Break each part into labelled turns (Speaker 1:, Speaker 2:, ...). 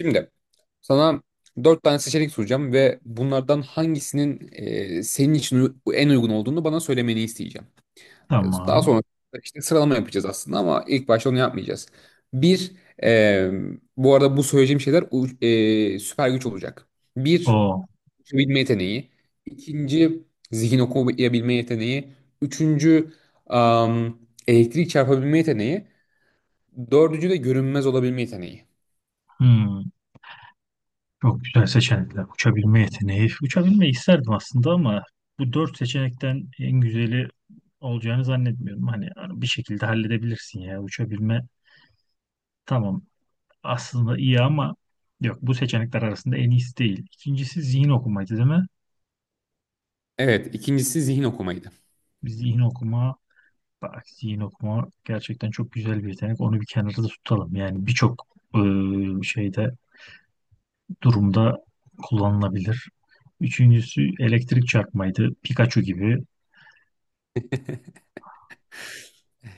Speaker 1: Şimdi sana dört tane seçenek soracağım ve bunlardan hangisinin senin için en uygun olduğunu bana söylemeni isteyeceğim. Daha
Speaker 2: Tamam.
Speaker 1: sonra işte sıralama yapacağız aslında ama ilk başta onu yapmayacağız. Bir, e, bu arada bu söyleyeceğim şeyler süper güç olacak. Bir,
Speaker 2: O.
Speaker 1: uçabilme yeteneği. İkinci, zihin okuyabilme yeteneği. Üçüncü, am, elektrik çarpabilme yeteneği. Dördüncü de görünmez olabilme yeteneği.
Speaker 2: Hmm. Çok güzel seçenekler. Uçabilme yeteneği. Uçabilmeyi isterdim aslında ama bu dört seçenekten en güzeli olacağını zannetmiyorum. Hani bir şekilde halledebilirsin ya. Uçabilme tamam, aslında iyi ama yok, bu seçenekler arasında en iyisi değil. İkincisi zihin okumaydı, değil mi?
Speaker 1: Evet, ikincisi zihin okumaydı.
Speaker 2: Zihin okuma bak zihin okuma gerçekten çok güzel bir yetenek. Onu bir kenarda tutalım. Yani birçok eee, şeyde durumda kullanılabilir. Üçüncüsü elektrik çarpmaydı. Pikachu gibi.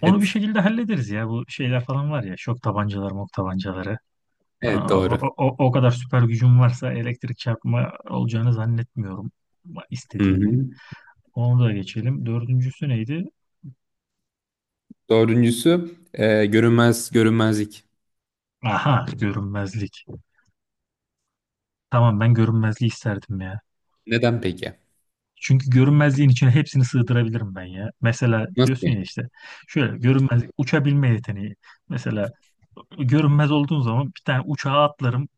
Speaker 2: Onu bir
Speaker 1: Evet.
Speaker 2: şekilde hallederiz ya. Bu şeyler falan var ya. Şok tabancaları, mok tabancaları.
Speaker 1: Evet,
Speaker 2: Aa,
Speaker 1: doğru.
Speaker 2: o kadar süper gücüm varsa elektrik çarpma olacağını zannetmiyorum, ama
Speaker 1: Hı
Speaker 2: istediğimin.
Speaker 1: hı.
Speaker 2: Onu da geçelim. Dördüncüsü neydi?
Speaker 1: Dördüncüsü görünmezlik.
Speaker 2: Aha, görünmezlik. Tamam, ben görünmezliği isterdim ya.
Speaker 1: Neden peki?
Speaker 2: Çünkü görünmezliğin içine hepsini sığdırabilirim ben ya. Mesela
Speaker 1: Nasıl
Speaker 2: diyorsun
Speaker 1: yani?
Speaker 2: ya işte, şöyle görünmezlik, uçabilme yeteneği. Mesela görünmez olduğun zaman bir tane uçağa atlarım,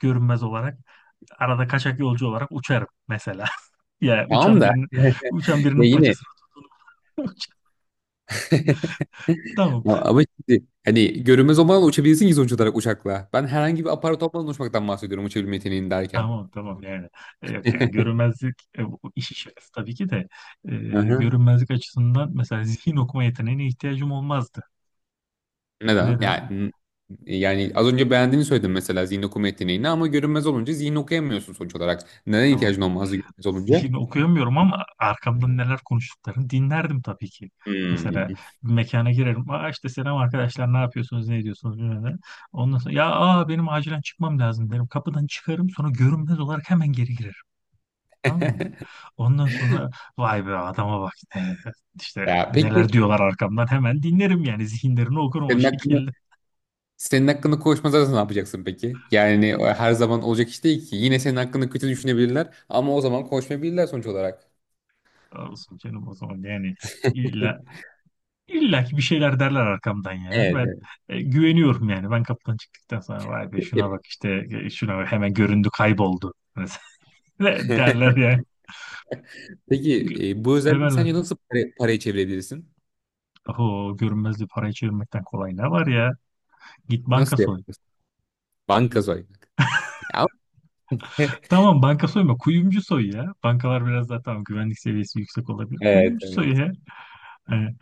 Speaker 2: görünmez olarak. Arada kaçak yolcu olarak uçarım mesela. Ya
Speaker 1: Tamam
Speaker 2: uçan
Speaker 1: da,
Speaker 2: birinin
Speaker 1: ya yine
Speaker 2: paçasını tutun. Tamam,
Speaker 1: ama şimdi hani görünmez olmadan uçabilirsin ki sonuç olarak uçakla. Ben herhangi bir aparat olmadan uçmaktan bahsediyorum uçabilme yeteneğini derken.
Speaker 2: tamam, tamam yani. Yok yani, görünmezlik bu işi şakası tabii ki de, e, görünmezlik açısından mesela zihin okuma yeteneğine ihtiyacım olmazdı.
Speaker 1: Neden?
Speaker 2: Neden?
Speaker 1: Yani az önce beğendiğini söyledin mesela zihin okuma yeteneğini, ama görünmez olunca zihin okuyamıyorsun sonuç olarak. Neden
Speaker 2: Tamam.
Speaker 1: ihtiyacın olmazdı görünmez olunca?
Speaker 2: Zihin okuyamıyorum ama arkamdan neler konuştuklarını dinlerdim tabii ki. Mesela
Speaker 1: Hmm.
Speaker 2: bir mekana girerim. Aa, işte selam arkadaşlar, ne yapıyorsunuz, ne ediyorsunuz, bilmem ne. Ondan sonra ya, aa, benim acilen çıkmam lazım derim. Kapıdan çıkarım, sonra görünmez olarak hemen geri girerim. Tamam mı? Ondan sonra vay be, adama bak ne, işte
Speaker 1: Ya
Speaker 2: neler
Speaker 1: peki,
Speaker 2: diyorlar arkamdan, hemen dinlerim yani, zihinlerini okurum o
Speaker 1: senin hakkında
Speaker 2: şekilde.
Speaker 1: senin hakkında konuşmazlarsa ne yapacaksın peki? Yani o her zaman olacak iş değil ki. Yine senin hakkında kötü düşünebilirler ama o zaman konuşmayabilirler sonuç olarak.
Speaker 2: Sağ olsun canım, o zaman yani. İlla ki bir şeyler derler arkamdan ya.
Speaker 1: Evet,
Speaker 2: Ben
Speaker 1: evet.
Speaker 2: güveniyorum yani. Ben kapıdan çıktıktan sonra vay be şuna
Speaker 1: Peki.
Speaker 2: bak işte, şuna bak, hemen göründü kayboldu. Mesela derler ya.
Speaker 1: Peki,
Speaker 2: Gü-
Speaker 1: bu özelliği
Speaker 2: Severler.
Speaker 1: sence nasıl paraya çevirebilirsin?
Speaker 2: Oho, görünmezliği parayı çevirmekten kolay ne var ya? Git banka
Speaker 1: Nasıl
Speaker 2: soy.
Speaker 1: yaparsın? Banka soymak. Ya-
Speaker 2: Tamam, banka soyma, kuyumcu soy ya. Bankalar biraz daha tamam, güvenlik seviyesi yüksek olabilir.
Speaker 1: Evet,
Speaker 2: Kuyumcu soy
Speaker 1: evet.
Speaker 2: ya. Yani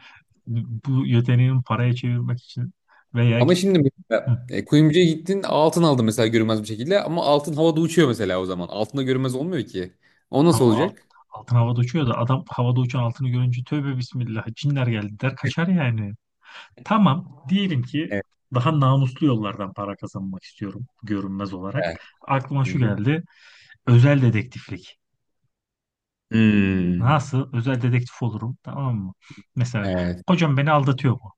Speaker 2: bu yeteneğin paraya çevirmek için, veya
Speaker 1: Ama
Speaker 2: git.
Speaker 1: şimdi mesela kuyumcuya gittin, altın aldın mesela, görünmez bir şekilde, ama altın havada uçuyor mesela o zaman. Altında görünmez olmuyor ki. O
Speaker 2: Tam
Speaker 1: nasıl
Speaker 2: alt,
Speaker 1: olacak?
Speaker 2: altın havada uçuyor da adam havada uçan altını görünce tövbe bismillah, cinler geldi der, kaçar yani. Tamam, diyelim ki
Speaker 1: Evet.
Speaker 2: daha namuslu yollardan para kazanmak istiyorum, görünmez olarak.
Speaker 1: Evet.
Speaker 2: Aklıma
Speaker 1: Hı
Speaker 2: şu
Speaker 1: hı.
Speaker 2: geldi: özel dedektiflik.
Speaker 1: Hmm.
Speaker 2: Nasıl özel dedektif olurum, tamam mı? Mesela,
Speaker 1: Evet.
Speaker 2: kocam beni aldatıyor mu?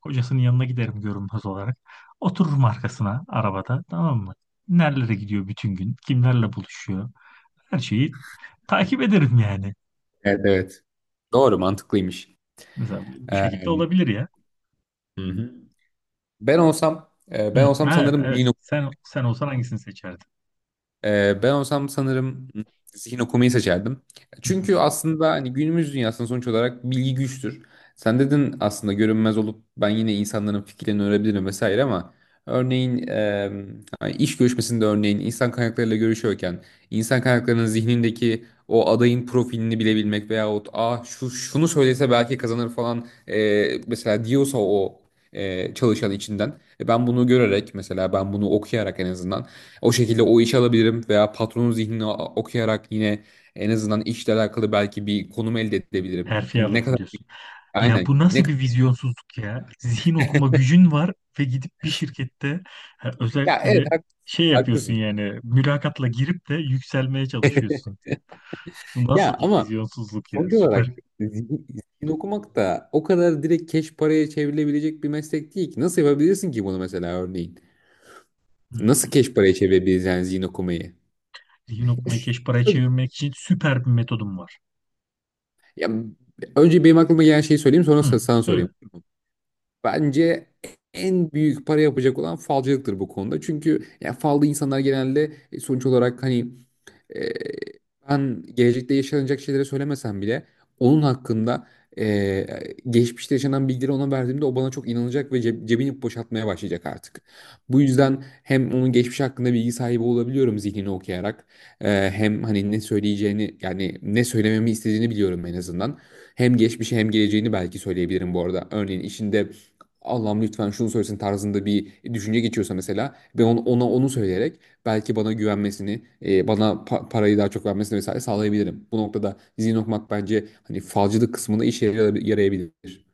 Speaker 2: Kocasının yanına giderim görünmez olarak. Otururum arkasına arabada, tamam mı? Nerelere gidiyor bütün gün? Kimlerle buluşuyor? Her şeyi takip ederim yani.
Speaker 1: Evet, evet. Doğru, mantıklıymış.
Speaker 2: Mesela bu şekilde
Speaker 1: Ee,
Speaker 2: olabilir ya.
Speaker 1: hı hı. Ben olsam e, ben
Speaker 2: Hı,
Speaker 1: olsam
Speaker 2: ha,
Speaker 1: sanırım
Speaker 2: evet.
Speaker 1: yine
Speaker 2: Sen olsan hangisini seçerdin?
Speaker 1: ben olsam sanırım zihin okumayı seçerdim.
Speaker 2: Hı
Speaker 1: Çünkü
Speaker 2: hı.
Speaker 1: aslında hani günümüz dünyasında sonuç olarak bilgi güçtür. Sen dedin aslında görünmez olup ben yine insanların fikirlerini öğrenebilirim vesaire, ama örneğin hani iş görüşmesinde, örneğin insan kaynaklarıyla görüşüyorken, insan kaynaklarının zihnindeki o adayın profilini bilebilmek, veyahut Aa, şu şunu söylese belki kazanır falan, mesela diyorsa o çalışan içinden, ben bunu görerek, mesela ben bunu okuyarak, en azından o şekilde o işi alabilirim, veya patronun zihnini okuyarak yine en azından işle alakalı belki bir konum elde edebilirim.
Speaker 2: Terfi
Speaker 1: Ne
Speaker 2: alırım
Speaker 1: kadar,
Speaker 2: diyorsun. Ya bu
Speaker 1: aynen, ne,
Speaker 2: nasıl bir vizyonsuzluk ya? Zihin okuma gücün var ve gidip bir şirkette, ha,
Speaker 1: ya
Speaker 2: özellikle
Speaker 1: evet,
Speaker 2: de şey yapıyorsun
Speaker 1: haklısın.
Speaker 2: yani, mülakatla girip de yükselmeye çalışıyorsun. Bu
Speaker 1: Ya
Speaker 2: nasıl bir
Speaker 1: ama
Speaker 2: vizyonsuzluk ya?
Speaker 1: sonuç olarak
Speaker 2: Süper.
Speaker 1: zihin, zihin okumak da o kadar direkt keş paraya çevrilebilecek bir meslek değil ki. Nasıl yapabilirsin ki bunu mesela, örneğin?
Speaker 2: Hı.
Speaker 1: Nasıl keş paraya çevirebilirsin yani zihin okumayı?
Speaker 2: Zihin okumayı keş paraya
Speaker 1: Şöyle,
Speaker 2: çevirmek için süper bir metodum var.
Speaker 1: ya, önce benim aklıma gelen şeyi söyleyeyim, sonra
Speaker 2: Hı,
Speaker 1: sana
Speaker 2: söyle.
Speaker 1: sorayım. Bence en büyük para yapacak olan falcılıktır bu konuda. Çünkü yani falda insanlar genelde, sonuç olarak hani, e, ben gelecekte yaşanacak şeyleri söylemesem bile, onun hakkında, e, geçmişte yaşanan bilgileri ona verdiğimde o bana çok inanacak ve cebini boşaltmaya başlayacak artık. Bu yüzden hem onun geçmiş hakkında bilgi sahibi olabiliyorum zihnini okuyarak. Hem hani ne söyleyeceğini, yani ne söylememi istediğini biliyorum en azından. Hem geçmişi hem geleceğini belki söyleyebilirim bu arada. Örneğin işinde Allah'ım lütfen şunu söylesin tarzında bir düşünce geçiyorsa mesela, ben ona onu söyleyerek belki bana güvenmesini, bana parayı daha çok vermesini vesaire sağlayabilirim. Bu noktada izin okumak bence hani falcılık kısmında işe yarayabilir.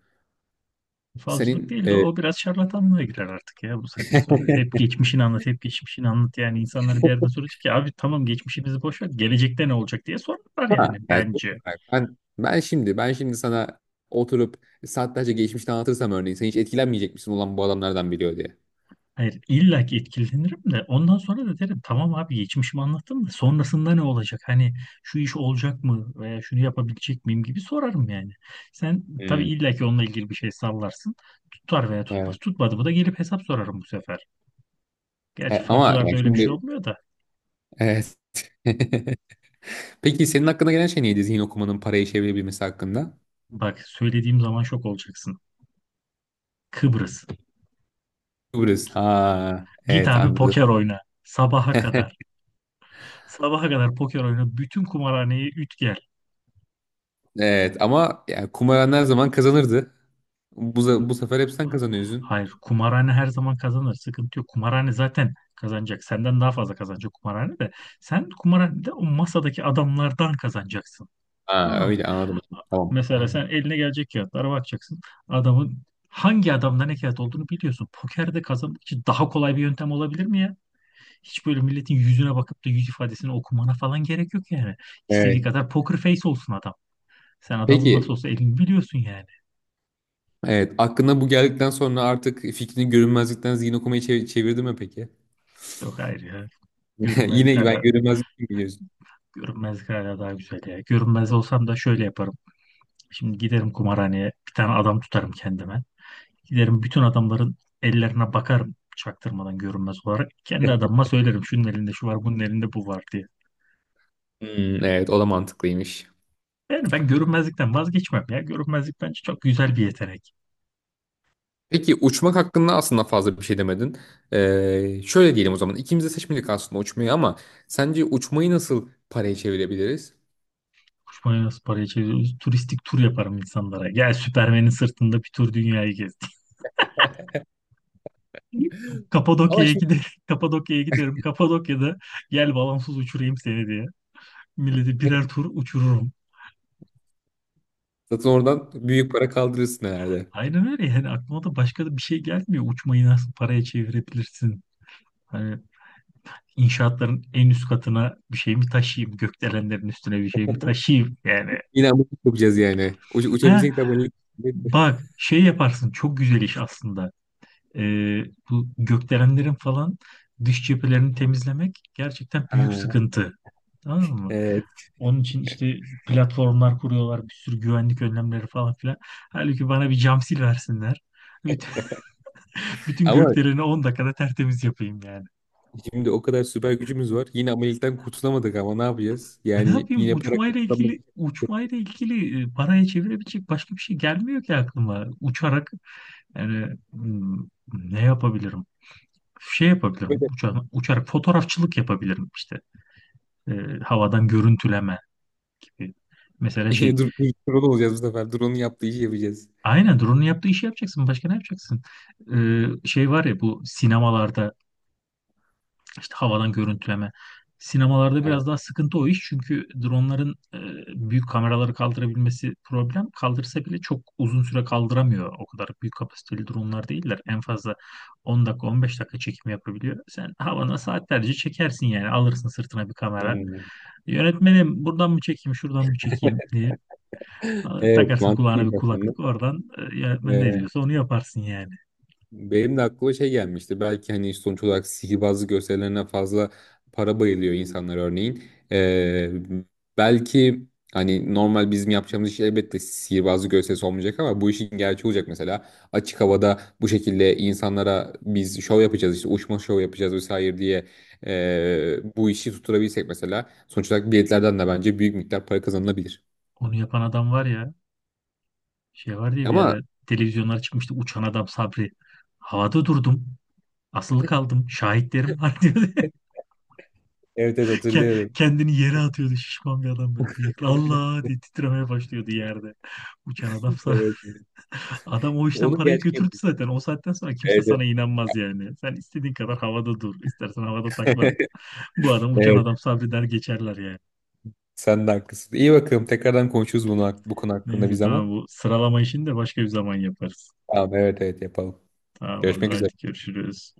Speaker 2: Falcılık
Speaker 1: Senin
Speaker 2: değil de
Speaker 1: e,
Speaker 2: o biraz şarlatanlığa girer artık ya, bu saatten sonra. Hep geçmişini anlat, hep geçmişini anlat. Yani insanları bir yerden soracak ki, abi tamam geçmişimizi boş ver, gelecekte ne olacak diye sorarlar
Speaker 1: Ama
Speaker 2: yani
Speaker 1: yani sonuç
Speaker 2: bence.
Speaker 1: olarak ben şimdi sana oturup saatlerce geçmişte anlatırsam, örneğin sen hiç etkilenmeyecek misin, olan bu adamlardan biliyor diye?
Speaker 2: Hayır, illa ki etkilenirim de ondan sonra da derim tamam abi, geçmişimi anlattım da sonrasında ne olacak? Hani, şu iş olacak mı veya şunu yapabilecek miyim gibi sorarım yani. Sen tabii
Speaker 1: Hmm,
Speaker 2: illa ki onunla ilgili bir şey sallarsın. Tutar veya tutmaz.
Speaker 1: evet.
Speaker 2: Tutmadı mı da gelip hesap sorarım bu sefer.
Speaker 1: E,
Speaker 2: Gerçi
Speaker 1: ama
Speaker 2: falcılarda
Speaker 1: yani
Speaker 2: öyle bir şey
Speaker 1: şimdi,
Speaker 2: olmuyor da.
Speaker 1: evet. Peki senin hakkında gelen şey neydi, zihin okumanın parayı çevirebilmesi hakkında?
Speaker 2: Bak, söylediğim zaman şok olacaksın. Kıbrıs.
Speaker 1: Kıbrıs. Ha,
Speaker 2: Git
Speaker 1: evet,
Speaker 2: abi
Speaker 1: anladım.
Speaker 2: poker oyna. Sabaha kadar. Sabaha kadar poker oyna. Bütün kumarhaneyi üt gel.
Speaker 1: Evet, ama yani kumaran her zaman kazanırdı. Bu sefer hep sen kazanıyorsun.
Speaker 2: Hayır, kumarhane her zaman kazanır. Sıkıntı yok. Kumarhane zaten kazanacak. Senden daha fazla kazanacak kumarhane de. Sen kumarhanede o masadaki adamlardan kazanacaksın.
Speaker 1: Ha,
Speaker 2: Tamam mı?
Speaker 1: öyle anladım. Tamam.
Speaker 2: Mesela sen eline gelecek kağıtlara bakacaksın. Adamın Hangi adamda ne kağıt olduğunu biliyorsun. Pokerde kazanmak için daha kolay bir yöntem olabilir mi ya? Hiç böyle milletin yüzüne bakıp da yüz ifadesini okumana falan gerek yok yani. İstediği
Speaker 1: Evet.
Speaker 2: kadar poker face olsun adam. Sen adamın nasıl
Speaker 1: Peki.
Speaker 2: olsa elini biliyorsun yani.
Speaker 1: Evet. Aklına bu geldikten sonra artık fikrini görünmezlikten zihin okumayı çevirdi mi peki?
Speaker 2: Yok, hayır ya. Görünmezlik
Speaker 1: Yine ben
Speaker 2: hala,
Speaker 1: görünmezlik mi, biliyorsun?
Speaker 2: görünmezlik hala daha güzel ya. Görünmez olsam da şöyle yaparım. Şimdi giderim kumarhaneye, bir tane adam tutarım kendime. Giderim bütün adamların ellerine bakarım çaktırmadan, görünmez olarak. Kendi adamıma söylerim şunun elinde şu var, bunun elinde bu var diye.
Speaker 1: Hmm, evet, o da mantıklıymış.
Speaker 2: Yani ben görünmezlikten vazgeçmem ya. Görünmezlik bence çok güzel bir yetenek.
Speaker 1: Peki uçmak hakkında aslında fazla bir şey demedin. Şöyle diyelim o zaman. İkimiz de seçmedik aslında uçmayı, ama sence uçmayı nasıl paraya çevirebiliriz?
Speaker 2: Kuşmaya nasıl parayı çeviriyoruz? Turistik tur yaparım insanlara. Gel Süpermen'in sırtında bir tur dünyayı gezdik.
Speaker 1: Ama
Speaker 2: Kapadokya'ya
Speaker 1: şimdi
Speaker 2: giderim. Kapadokya'ya giderim. Kapadokya'da, gel balansız uçurayım seni diye. Milleti birer tur uçururum.
Speaker 1: zaten oradan büyük para kaldırırsın herhalde.
Speaker 2: Aynen öyle, yani aklıma da başka da bir şey gelmiyor. Uçmayı nasıl paraya çevirebilirsin? Hani, inşaatların en üst katına bir şey mi taşıyayım? Gökdelenlerin üstüne bir şey mi taşıyayım? Yani,
Speaker 1: Yine abonelik yapacağız yani. Uç,
Speaker 2: ha,
Speaker 1: uçabilsek de abonelik.
Speaker 2: bak şey yaparsın, çok güzel iş aslında. e, Bu gökdelenlerin falan dış cephelerini temizlemek gerçekten büyük
Speaker 1: Ha,
Speaker 2: sıkıntı. Tamam mı?
Speaker 1: evet.
Speaker 2: Onun için işte platformlar kuruyorlar, bir sürü güvenlik önlemleri falan filan. Halbuki bana bir cam sil versinler. Bütün, bütün
Speaker 1: Ama
Speaker 2: gökdeleni 10 dakikada tertemiz yapayım yani.
Speaker 1: şimdi o kadar süper gücümüz var. Yine abonelikten kurtulamadık, ama ne yapacağız?
Speaker 2: Ha, ne
Speaker 1: Yani
Speaker 2: yapayım?
Speaker 1: yine para kazanmak için
Speaker 2: Uçmayla ilgili paraya çevirebilecek başka bir şey gelmiyor ki aklıma. Uçarak yani, ne yapabilirim? Şey yapabilirim.
Speaker 1: böyle.
Speaker 2: Uçarak fotoğrafçılık yapabilirim işte. E, Havadan görüntüleme gibi. Mesela
Speaker 1: Yine
Speaker 2: şey,
Speaker 1: dur, dur, drone olacağız bu sefer. Drone'un yaptığı işi yapacağız.
Speaker 2: aynen drone'un yaptığı işi yapacaksın. Başka ne yapacaksın? Şey var ya bu sinemalarda, işte havadan görüntüleme. Sinemalarda
Speaker 1: Evet.
Speaker 2: biraz daha sıkıntı o iş, çünkü dronların büyük kameraları kaldırabilmesi problem. Kaldırsa bile çok uzun süre kaldıramıyor. O kadar büyük kapasiteli dronlar değiller. En fazla 10 dakika 15 dakika çekim yapabiliyor. Sen havana saatlerce çekersin yani, alırsın sırtına bir kamera.
Speaker 1: Hmm.
Speaker 2: Yönetmenim, buradan mı çekeyim şuradan mı çekeyim diye.
Speaker 1: Evet,
Speaker 2: Takarsın kulağına bir
Speaker 1: mantıklıymış aslında.
Speaker 2: kulaklık, oradan yönetmen ne
Speaker 1: Ee,
Speaker 2: diyorsa onu yaparsın yani.
Speaker 1: Benim de aklıma şey gelmişti. Belki hani sonuç olarak sihirbazlık gösterilerine fazla para bayılıyor insanlar örneğin. Ee, belki hani normal bizim yapacağımız iş elbette sihirbazlık gösterisi olmayacak, ama bu işin gerçeği olacak mesela. Açık havada bu şekilde insanlara biz şov yapacağız, işte uçma şov yapacağız vesaire diye, bu işi tutturabilsek mesela, sonuç olarak biletlerden de bence büyük miktar para kazanılabilir.
Speaker 2: Onu yapan adam var ya, şey var diye bir
Speaker 1: Ama
Speaker 2: ara televizyonlara çıkmıştı, uçan adam Sabri. Havada durdum. Asılı kaldım. Şahitlerim var, diyordu.
Speaker 1: evet, evet, hatırlıyorum.
Speaker 2: Kendini yere atıyordu şişman bir adam, böyle bıyıklı. Allah diye titremeye başlıyordu yerde. Uçan adam Sabri.
Speaker 1: Evet.
Speaker 2: Adam o işten
Speaker 1: Onun
Speaker 2: parayı
Speaker 1: gerçeği.
Speaker 2: götürdü zaten. O saatten sonra kimse
Speaker 1: Evet, evet.
Speaker 2: sana inanmaz yani. Sen istediğin kadar havada dur. İstersen havada takla at. Bu adam uçan
Speaker 1: Evet.
Speaker 2: adam, sabreder geçerler yani.
Speaker 1: Sen de haklısın. İyi, bakalım. Tekrardan konuşuruz bunu, bu konu hakkında bir
Speaker 2: Neyse, tamam
Speaker 1: zaman.
Speaker 2: bu sıralama işini de başka bir zaman yaparız.
Speaker 1: Tamam, evet, evet, yapalım.
Speaker 2: Tamamdır,
Speaker 1: Görüşmek üzere.
Speaker 2: hadi görüşürüz.